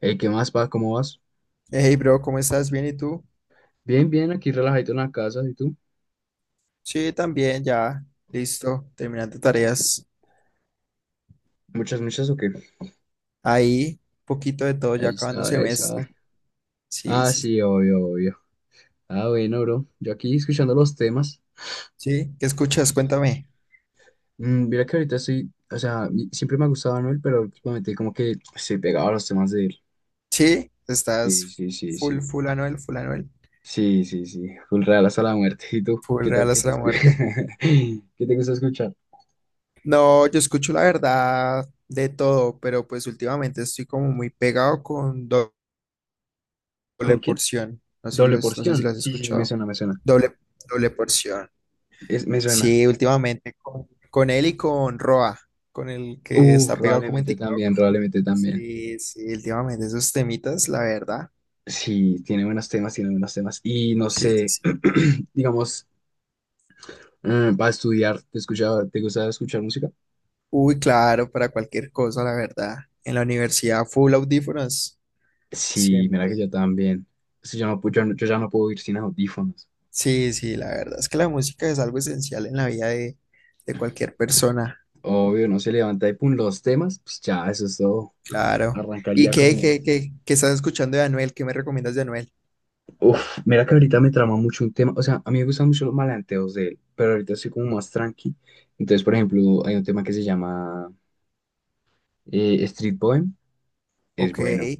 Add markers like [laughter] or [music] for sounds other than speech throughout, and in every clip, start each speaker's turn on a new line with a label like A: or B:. A: Ey, ¿qué más, pa? ¿Cómo vas?
B: Hey, bro, ¿cómo estás? ¿Bien y tú?
A: Bien, bien, aquí relajadito en la casa, ¿y tú?
B: Sí, también, ya, listo, terminando
A: No.
B: tareas.
A: Muchas, muchas, ¿o qué?
B: Ahí, poquito de todo, ya
A: Ahí
B: acabando
A: está, ahí
B: semestre.
A: está.
B: Sí,
A: Ah,
B: sí,
A: sí, obvio, obvio. Ah, bueno, bro. Yo aquí escuchando los temas.
B: sí. ¿Qué escuchas?
A: Sí.
B: Cuéntame.
A: Mira que ahorita estoy, o sea, siempre me ha gustado Anuel, pero últimamente como que estoy pegado a los temas de él.
B: Sí,
A: Sí,
B: estás
A: sí, sí,
B: full,
A: sí.
B: full Anuel, full Anuel,
A: Sí, sí, sí. Full real hasta la muerte. ¿Y tú?
B: full
A: ¿Qué tal?
B: Real hasta la muerte.
A: [laughs] ¿Qué te gusta escuchar?
B: No, yo escucho la verdad de todo, pero pues últimamente estoy como muy pegado con doble
A: ¿Con quién?
B: porción. No sé si lo,
A: Doble
B: no sé si
A: porción.
B: lo has
A: Sí, sí, me
B: escuchado.
A: suena, me suena.
B: Doble, doble porción.
A: Me suena.
B: Sí, últimamente con él y con Roa, con el que
A: Uf,
B: está pegado como en
A: probablemente
B: TikTok.
A: también, probablemente también.
B: Sí, sí, últimamente esos temitas, la verdad.
A: Sí, tiene buenos temas, tiene buenos temas. Y no
B: Sí, sí,
A: sé,
B: sí.
A: [clears throat] digamos, para estudiar, ¿ te gusta escuchar música?
B: Uy, claro, para cualquier cosa, la verdad. En la universidad, full audífonos,
A: Sí, mira que yo
B: siempre.
A: también. Es yo no, pu- yo, no- yo ya no puedo ir sin audífonos.
B: Sí, sí, la verdad es que la música es algo esencial en la vida de cualquier persona,
A: Obvio, no se levanta y pum, los temas, pues ya, eso es todo.
B: claro.
A: Arrancar
B: ¿Y
A: ya
B: qué,
A: como
B: qué,
A: es.
B: qué, qué estás escuchando de Anuel? ¿Qué me recomiendas de Anuel?
A: Uf, mira que ahorita me trama mucho un tema. O sea, a mí me gustan mucho los malanteos de él, pero ahorita estoy como más tranqui. Entonces, por ejemplo, hay un tema que se llama Street Poem. Es
B: Ok,
A: bueno.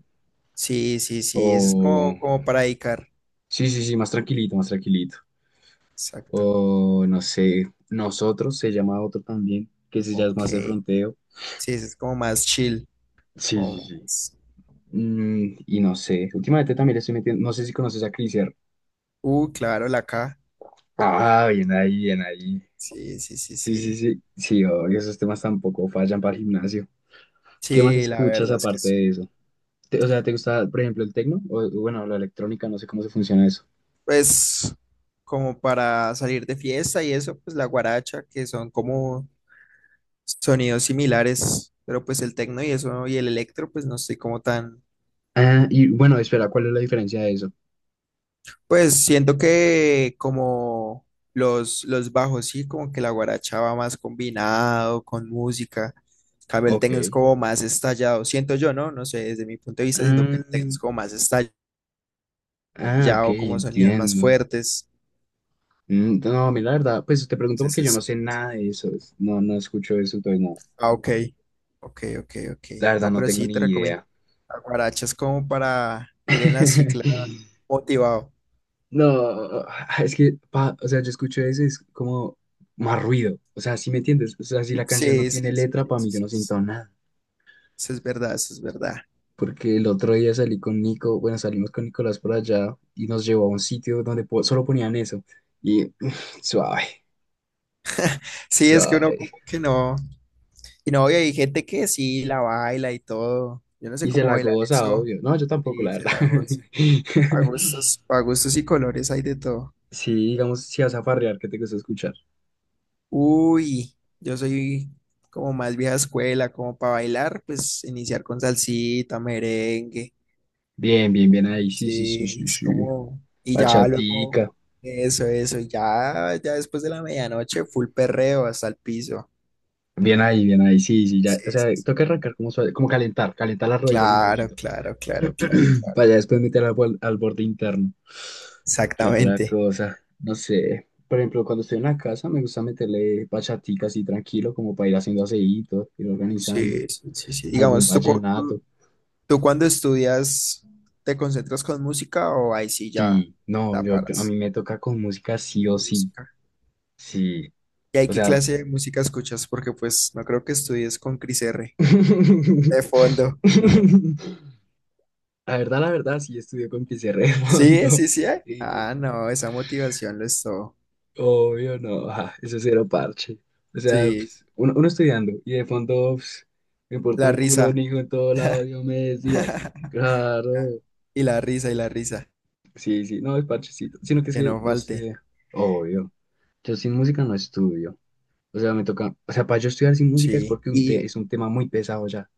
B: sí, sí, sí, eso es
A: O...
B: como, como para dedicar.
A: Sí, sí, sí, más tranquilito, más tranquilito.
B: Exacto.
A: O no sé, nosotros se llama otro también, que se llama
B: Ok,
A: más de fronteo.
B: sí, ese es como más chill,
A: Sí, sí,
B: como
A: sí.
B: más-
A: Y no sé, últimamente también le estoy metiendo, no sé si conoces a Criser.
B: Claro, la K.
A: Ah, bien ahí, bien ahí.
B: Sí, sí, sí,
A: Sí, sí,
B: sí.
A: sí, sí, obvio, esos temas tampoco fallan para el gimnasio. ¿Qué más
B: Sí, la
A: escuchas
B: verdad es que
A: aparte de
B: sí.
A: eso? O sea, ¿te gusta, por ejemplo, el tecno? O bueno, la electrónica, no sé cómo se funciona eso.
B: Pues como para salir de fiesta y eso, pues la guaracha, que son como sonidos similares, pero pues el tecno y eso y el electro, pues no estoy como tan.
A: Ah, y bueno, espera, ¿cuál es la diferencia de eso?
B: Pues siento que como los bajos, sí, como que la guaracha va más combinado con música. En cambio el tecno es
A: Ok.
B: como más estallado. Siento yo, ¿no? No sé, desde mi punto de vista, siento que
A: Ah,
B: el tecno es como más estallado,
A: ok,
B: como sonidos más
A: entiendo.
B: fuertes.
A: No, mira, la verdad, pues te pregunto
B: Entonces
A: porque yo no
B: es...
A: sé nada de eso, no, no escucho eso, entonces no,
B: Ah, ok. Ok, ok, ok.
A: la verdad
B: No,
A: no
B: pero
A: tengo
B: sí te
A: ni
B: recomiendo.
A: idea.
B: La guaracha es como para ir en la cicla
A: [laughs]
B: motivado.
A: No, es que, o sea, yo escucho eso, y es como más ruido, o sea, ¿si me entiendes? O sea, si la canción no
B: Sí,
A: tiene
B: sí, sí,
A: letra,
B: sí,
A: para mí yo no siento nada,
B: eso es verdad, eso es verdad.
A: porque el otro día salí con Nico, bueno, salimos con Nicolás por allá y nos llevó a un sitio donde solo ponían eso, y [laughs] suave,
B: Sí, es que uno
A: suave,
B: como que no. Y no, y hay gente que sí la baila y todo. Yo no sé
A: y se
B: cómo
A: la
B: bailan
A: goza,
B: eso.
A: obvio, no, yo tampoco, la
B: Y se
A: verdad.
B: la goza.
A: [laughs]
B: A gustos y colores hay de todo.
A: Sí, digamos, si vas a farrear, ¿qué te gusta escuchar?
B: Uy, yo soy como más vieja escuela, como para bailar, pues iniciar con salsita, merengue.
A: Bien, bien, bien ahí, sí, sí, sí,
B: Sí,
A: sí,
B: es
A: sí.
B: como. Y ya luego.
A: Bachatica.
B: Eso, eso. Y ya, ya después de la medianoche, full perreo hasta el piso.
A: Bien ahí, sí, sí, ya.
B: Sí,
A: O sea,
B: sí, sí.
A: toca arrancar como suave, como calentar, calentar las rodillas un
B: Claro,
A: poquito.
B: claro, claro, claro.
A: [clears throat] Para ya después meter al borde interno. ¿Qué otra
B: Exactamente.
A: cosa? No sé. Por ejemplo, cuando estoy en la casa me gusta meterle bachatica así tranquilo, como para ir haciendo aseíto, ir organizando.
B: Sí, sí, sí, sí.
A: Algún
B: Digamos, ¿tú, cu-
A: vallenato.
B: tú, tú cuando estudias te concentras con música o ahí sí ya
A: Sí, no,
B: la
A: a
B: paras
A: mí me toca con música sí o
B: con
A: sí.
B: música?
A: Sí.
B: ¿Y ahí
A: O
B: qué
A: sea,
B: clase de música escuchas? Porque pues no creo que estudies con Cris R de fondo.
A: la verdad, la verdad, sí estudió con pizarra de
B: Sí,
A: fondo.
B: sí, sí. ¿Eh?
A: Y
B: Ah, no, esa motivación lo es todo.
A: obvio, no, eso es cero parche. O sea,
B: Sí,
A: pues, uno estudiando y de fondo pues, me importa
B: la
A: un culo, un
B: risa.
A: hijo en todo lado, yo me decías.
B: [laughs]
A: Claro,
B: Y la risa, y la risa.
A: sí, sí, no es parchecito. Sino que es
B: Que
A: que,
B: no
A: no
B: falte.
A: sé, obvio. Yo sin música no estudio. O sea, me toca, o sea, para yo estudiar sin música es
B: Sí.
A: porque
B: Y,
A: es un tema muy pesado ya.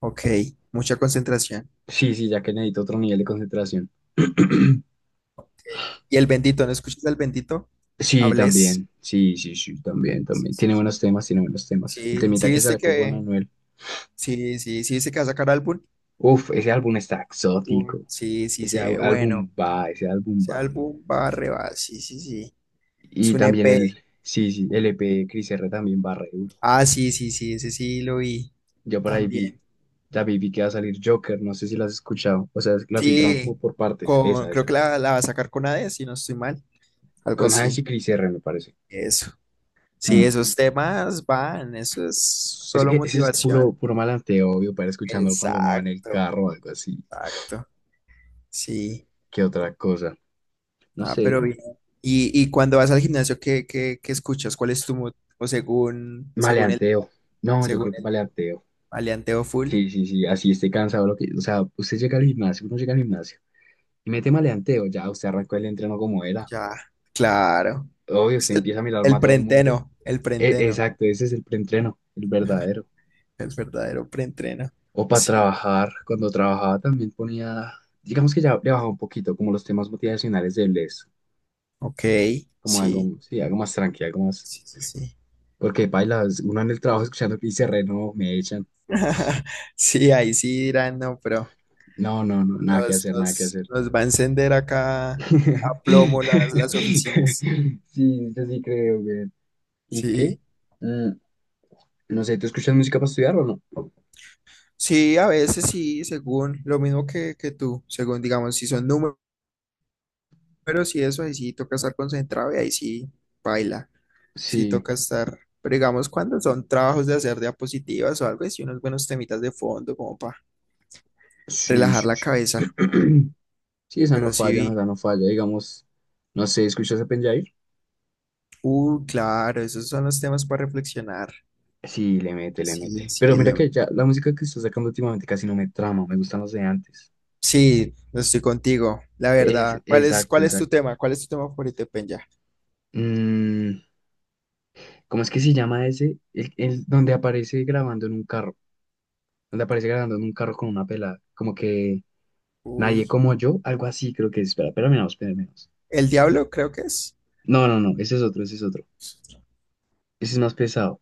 B: ok, mucha concentración.
A: Sí, sí, ya que necesito otro nivel de concentración. [clears throat]
B: ¿Y el bendito? ¿No escuchas el bendito?
A: Sí,
B: ¿Hables?
A: también. Sí, sí, sí, también, también. Tiene buenos temas, tiene buenos temas. El
B: Sí,
A: temita
B: sí,
A: que sacó con Anuel.
B: sí, sí, sí, viste que va a sacar álbum.
A: Uf, ese álbum está exótico.
B: Sí, sí,
A: Ese
B: se ve
A: álbum
B: bueno.
A: va, ese álbum
B: Ese
A: va.
B: álbum va re va, sí, sí, sí. Es
A: Y
B: un
A: también
B: EP.
A: el, sí, sí, el E P de Cris R también va re duro.
B: Ah, sí, sí, sí, ese sí lo vi
A: Yo por ahí vi,
B: también.
A: David vi que va a salir Joker, no sé si la has escuchado. O sea, la filtraron como
B: Sí,
A: por partes.
B: con,
A: Esa,
B: creo
A: esa.
B: que la va a sacar con AD, si no estoy mal. Algo
A: Con Hades y
B: así.
A: Cris R, me parece.
B: Eso. Sí,
A: Mm.
B: esos temas van, eso es
A: Es
B: solo
A: que ese es
B: motivación.
A: puro, puro malanteo, obvio, para escuchando cuando uno va en el
B: Exacto,
A: carro o algo así.
B: exacto. Sí.
A: ¿Qué otra cosa? No
B: Ah, pero
A: sé,
B: bien. Y cuando vas al gimnasio, ¿qué escuchas? ¿Cuál es tu mood? O según el
A: maleanteo.
B: día,
A: No, yo creo
B: según
A: que
B: el día.
A: maleanteo.
B: ¿Maleanteo full?
A: Sí, sí, sí, así esté cansado. Lo que, o sea, usted llega al gimnasio, uno llega al gimnasio y mete maleanteo, ya usted arrancó el entreno como era.
B: Ya, claro.
A: Obvio, usted
B: Es
A: empieza a mirar
B: el
A: más a todo el mundo.
B: preentreno, el preentreno.
A: Exacto, ese es el preentreno, el
B: Ajá,
A: verdadero.
B: el verdadero preentreno.
A: O para
B: Sí.
A: trabajar, cuando trabajaba también ponía, digamos que ya le bajaba un poquito, como los temas motivacionales de bless,
B: Ok,
A: como
B: sí,
A: algo, sí, algo más tranquilo, algo más.
B: sí, sí, sí.
A: Porque bailas, uno en el trabajo escuchando que dice re, no, me echan.
B: [laughs] Sí, ahí sí dirán, no, pero
A: No, no, no, nada que
B: nos,
A: hacer, nada que
B: nos,
A: hacer.
B: nos va a encender acá a plomo
A: [laughs]
B: las oficinas.
A: Sí, yo sí creo, güey. ¿Y qué?
B: Sí.
A: Mm, no sé, ¿tú escuchas música para estudiar o no?
B: Sí, a veces sí, según lo mismo que tú, según digamos, si son números y eso, ahí sí toca estar concentrado y ahí baila, sí
A: Sí,
B: toca estar, pero digamos cuando son trabajos de hacer diapositivas o algo, sí unos buenos temitas de fondo como para
A: sí,
B: relajar
A: sí,
B: la
A: sí.
B: cabeza,
A: [clears throat] Sí, esa no
B: pero sí
A: falla, no,
B: vi,
A: esa no falla. Digamos, no sé, ¿escuchas a Penjair?
B: claro, esos son los temas para reflexionar,
A: Sí, le mete, le
B: sí,
A: mete. Pero
B: sí,
A: mira
B: le-
A: que ya la música que está sacando últimamente casi no me trama, me gustan los de antes.
B: sí, estoy contigo, la verdad,
A: Exacto,
B: cuál es tu
A: exacto.
B: tema? ¿Cuál es tu tema favorito, Penya?
A: Mm, ¿Cómo es que se llama ese? El donde aparece grabando en un carro. Donde aparece grabando en un carro con una pelada. Como que
B: Uy,
A: Nadie como yo, algo así creo que es. Espera, espera, menos, espera, menos.
B: ¿el diablo creo que es?
A: No, no, no, ese es otro, ese es otro. Ese es más pesado.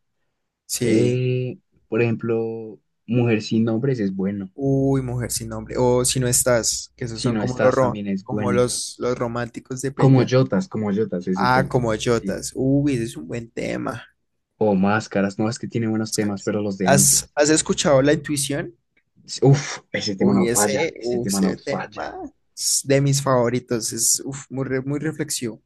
B: Sí.
A: Eh, por ejemplo, Mujer sin nombres es bueno.
B: Uy, mujer sin nombre. O si no estás, que esos
A: Si
B: son
A: no
B: como los
A: estás,
B: ro-
A: también es
B: como
A: bueno.
B: los, los románticos de Penya.
A: Como Yotas es el
B: Ah,
A: tema.
B: como
A: Sí.
B: Jotas. Uy, ese es un buen tema.
A: O Máscaras, no, es que tiene buenos temas, pero los de
B: ¿Has,
A: antes.
B: has escuchado La Intuición?
A: Sí, uf, ese tema no falla, ese
B: Uy,
A: tema no
B: ese
A: falla.
B: tema es de mis favoritos. Es uf, muy, muy reflexivo.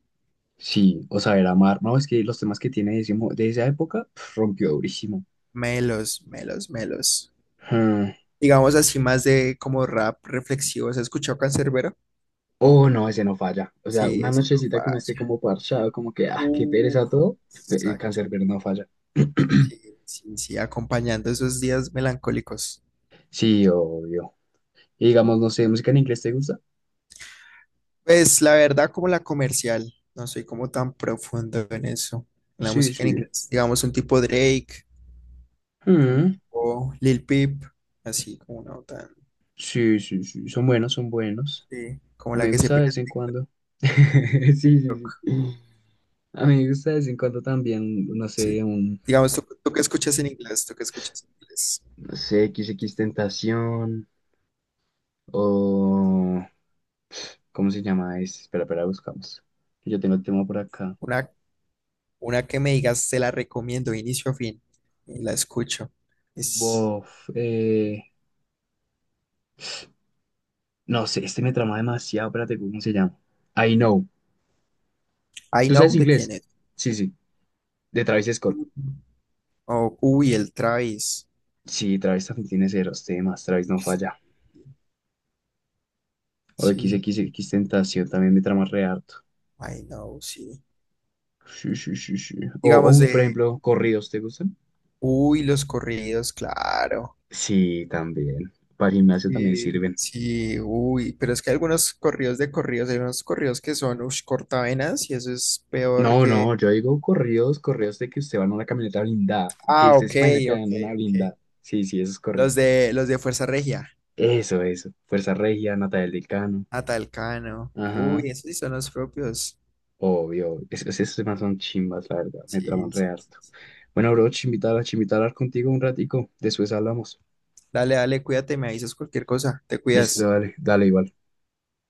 A: Sí, o Saber Amar, no, es que los temas que tiene de, ese de esa época pf, rompió durísimo.
B: Melos, melos, melos.
A: Ah.
B: Digamos así, más de como rap reflexivo. ¿Has escuchado Canserbero?
A: Oh, no, ese no falla. O sea,
B: Sí,
A: una
B: ese no
A: nochecita que uno esté
B: falla.
A: como parchado, como que, ah, qué
B: Uh,
A: pereza todo, el
B: exacto.
A: cancerbero no falla. [clears throat]
B: Sí, sí, sí, acompañando esos días melancólicos.
A: Sí, obvio. Y digamos, no sé, ¿música en inglés te gusta?
B: Pues la verdad, como la comercial, no soy como tan profundo en eso, en la
A: Sí,
B: música en
A: sí.
B: inglés. Digamos un tipo Drake, un
A: Mm,
B: tipo Lil Peep, así como una tan,
A: sí, sí, sí. Son buenos, son buenos.
B: sí, como
A: A mí
B: la
A: me
B: que se
A: gusta de
B: pega.
A: vez en cuando. [laughs] Sí, sí, sí. A mí me gusta de vez en cuando también, no sé,
B: Sí. Digamos, ¿tú, tú qué escuchas en inglés? ¿Tú qué escuchas en inglés?
A: no sé, XX Tentación o... ¿Cómo se llama? Espera, espera, buscamos. Yo tengo el tema por acá.
B: Una, una que me digas, te la recomiendo, inicio a fin, y la escucho. Es
A: Bof, eh, No sé, este me trama demasiado. Espérate, ¿cómo se llama? I Know.
B: I
A: ¿Tú sabes
B: Know de quién
A: inglés?
B: es.
A: Sí, sí. De Travis Scott.
B: Mm. O, uy, el Travis.
A: Sí, Travis también tiene ceros temas. Travis no
B: Sí,
A: falla. O
B: sí.
A: XXX Tentación también me trama re harto.
B: Ay, no, sí.
A: Sí, sí, sí, sí.
B: Digamos
A: Uy, por
B: de,
A: ejemplo, corridos, ¿te gustan?
B: uy, los corridos, claro.
A: Sí, también. Para gimnasio también
B: Sí,
A: sirven.
B: sí, uy, pero es que hay algunos corridos de corridos, hay unos corridos que son, ush, cortavenas y eso es peor
A: No,
B: que...
A: no, yo digo corridos, corridos de que usted va en una camioneta blindada. Que
B: Ah,
A: usted se
B: ok,
A: imagina que va
B: ok,
A: en una
B: ok.
A: blindada. Sí, sí, esos
B: Los
A: corridos.
B: de, los de Fuerza Regia,
A: Eso, eso. Fuerza Regia, Natalia del Cano.
B: Atalcano.
A: Ajá,
B: Uy, esos sí son los propios.
A: obvio, esas más son chimbas, la verdad, me traman
B: Sí,
A: re
B: sí, sí.
A: harto.
B: Sí.
A: Bueno, bro, chimbitar, chimbitar contigo un ratico, después hablamos.
B: Dale, dale, cuídate, me avisas cualquier cosa, te
A: Listo,
B: cuidas.
A: dale, dale igual.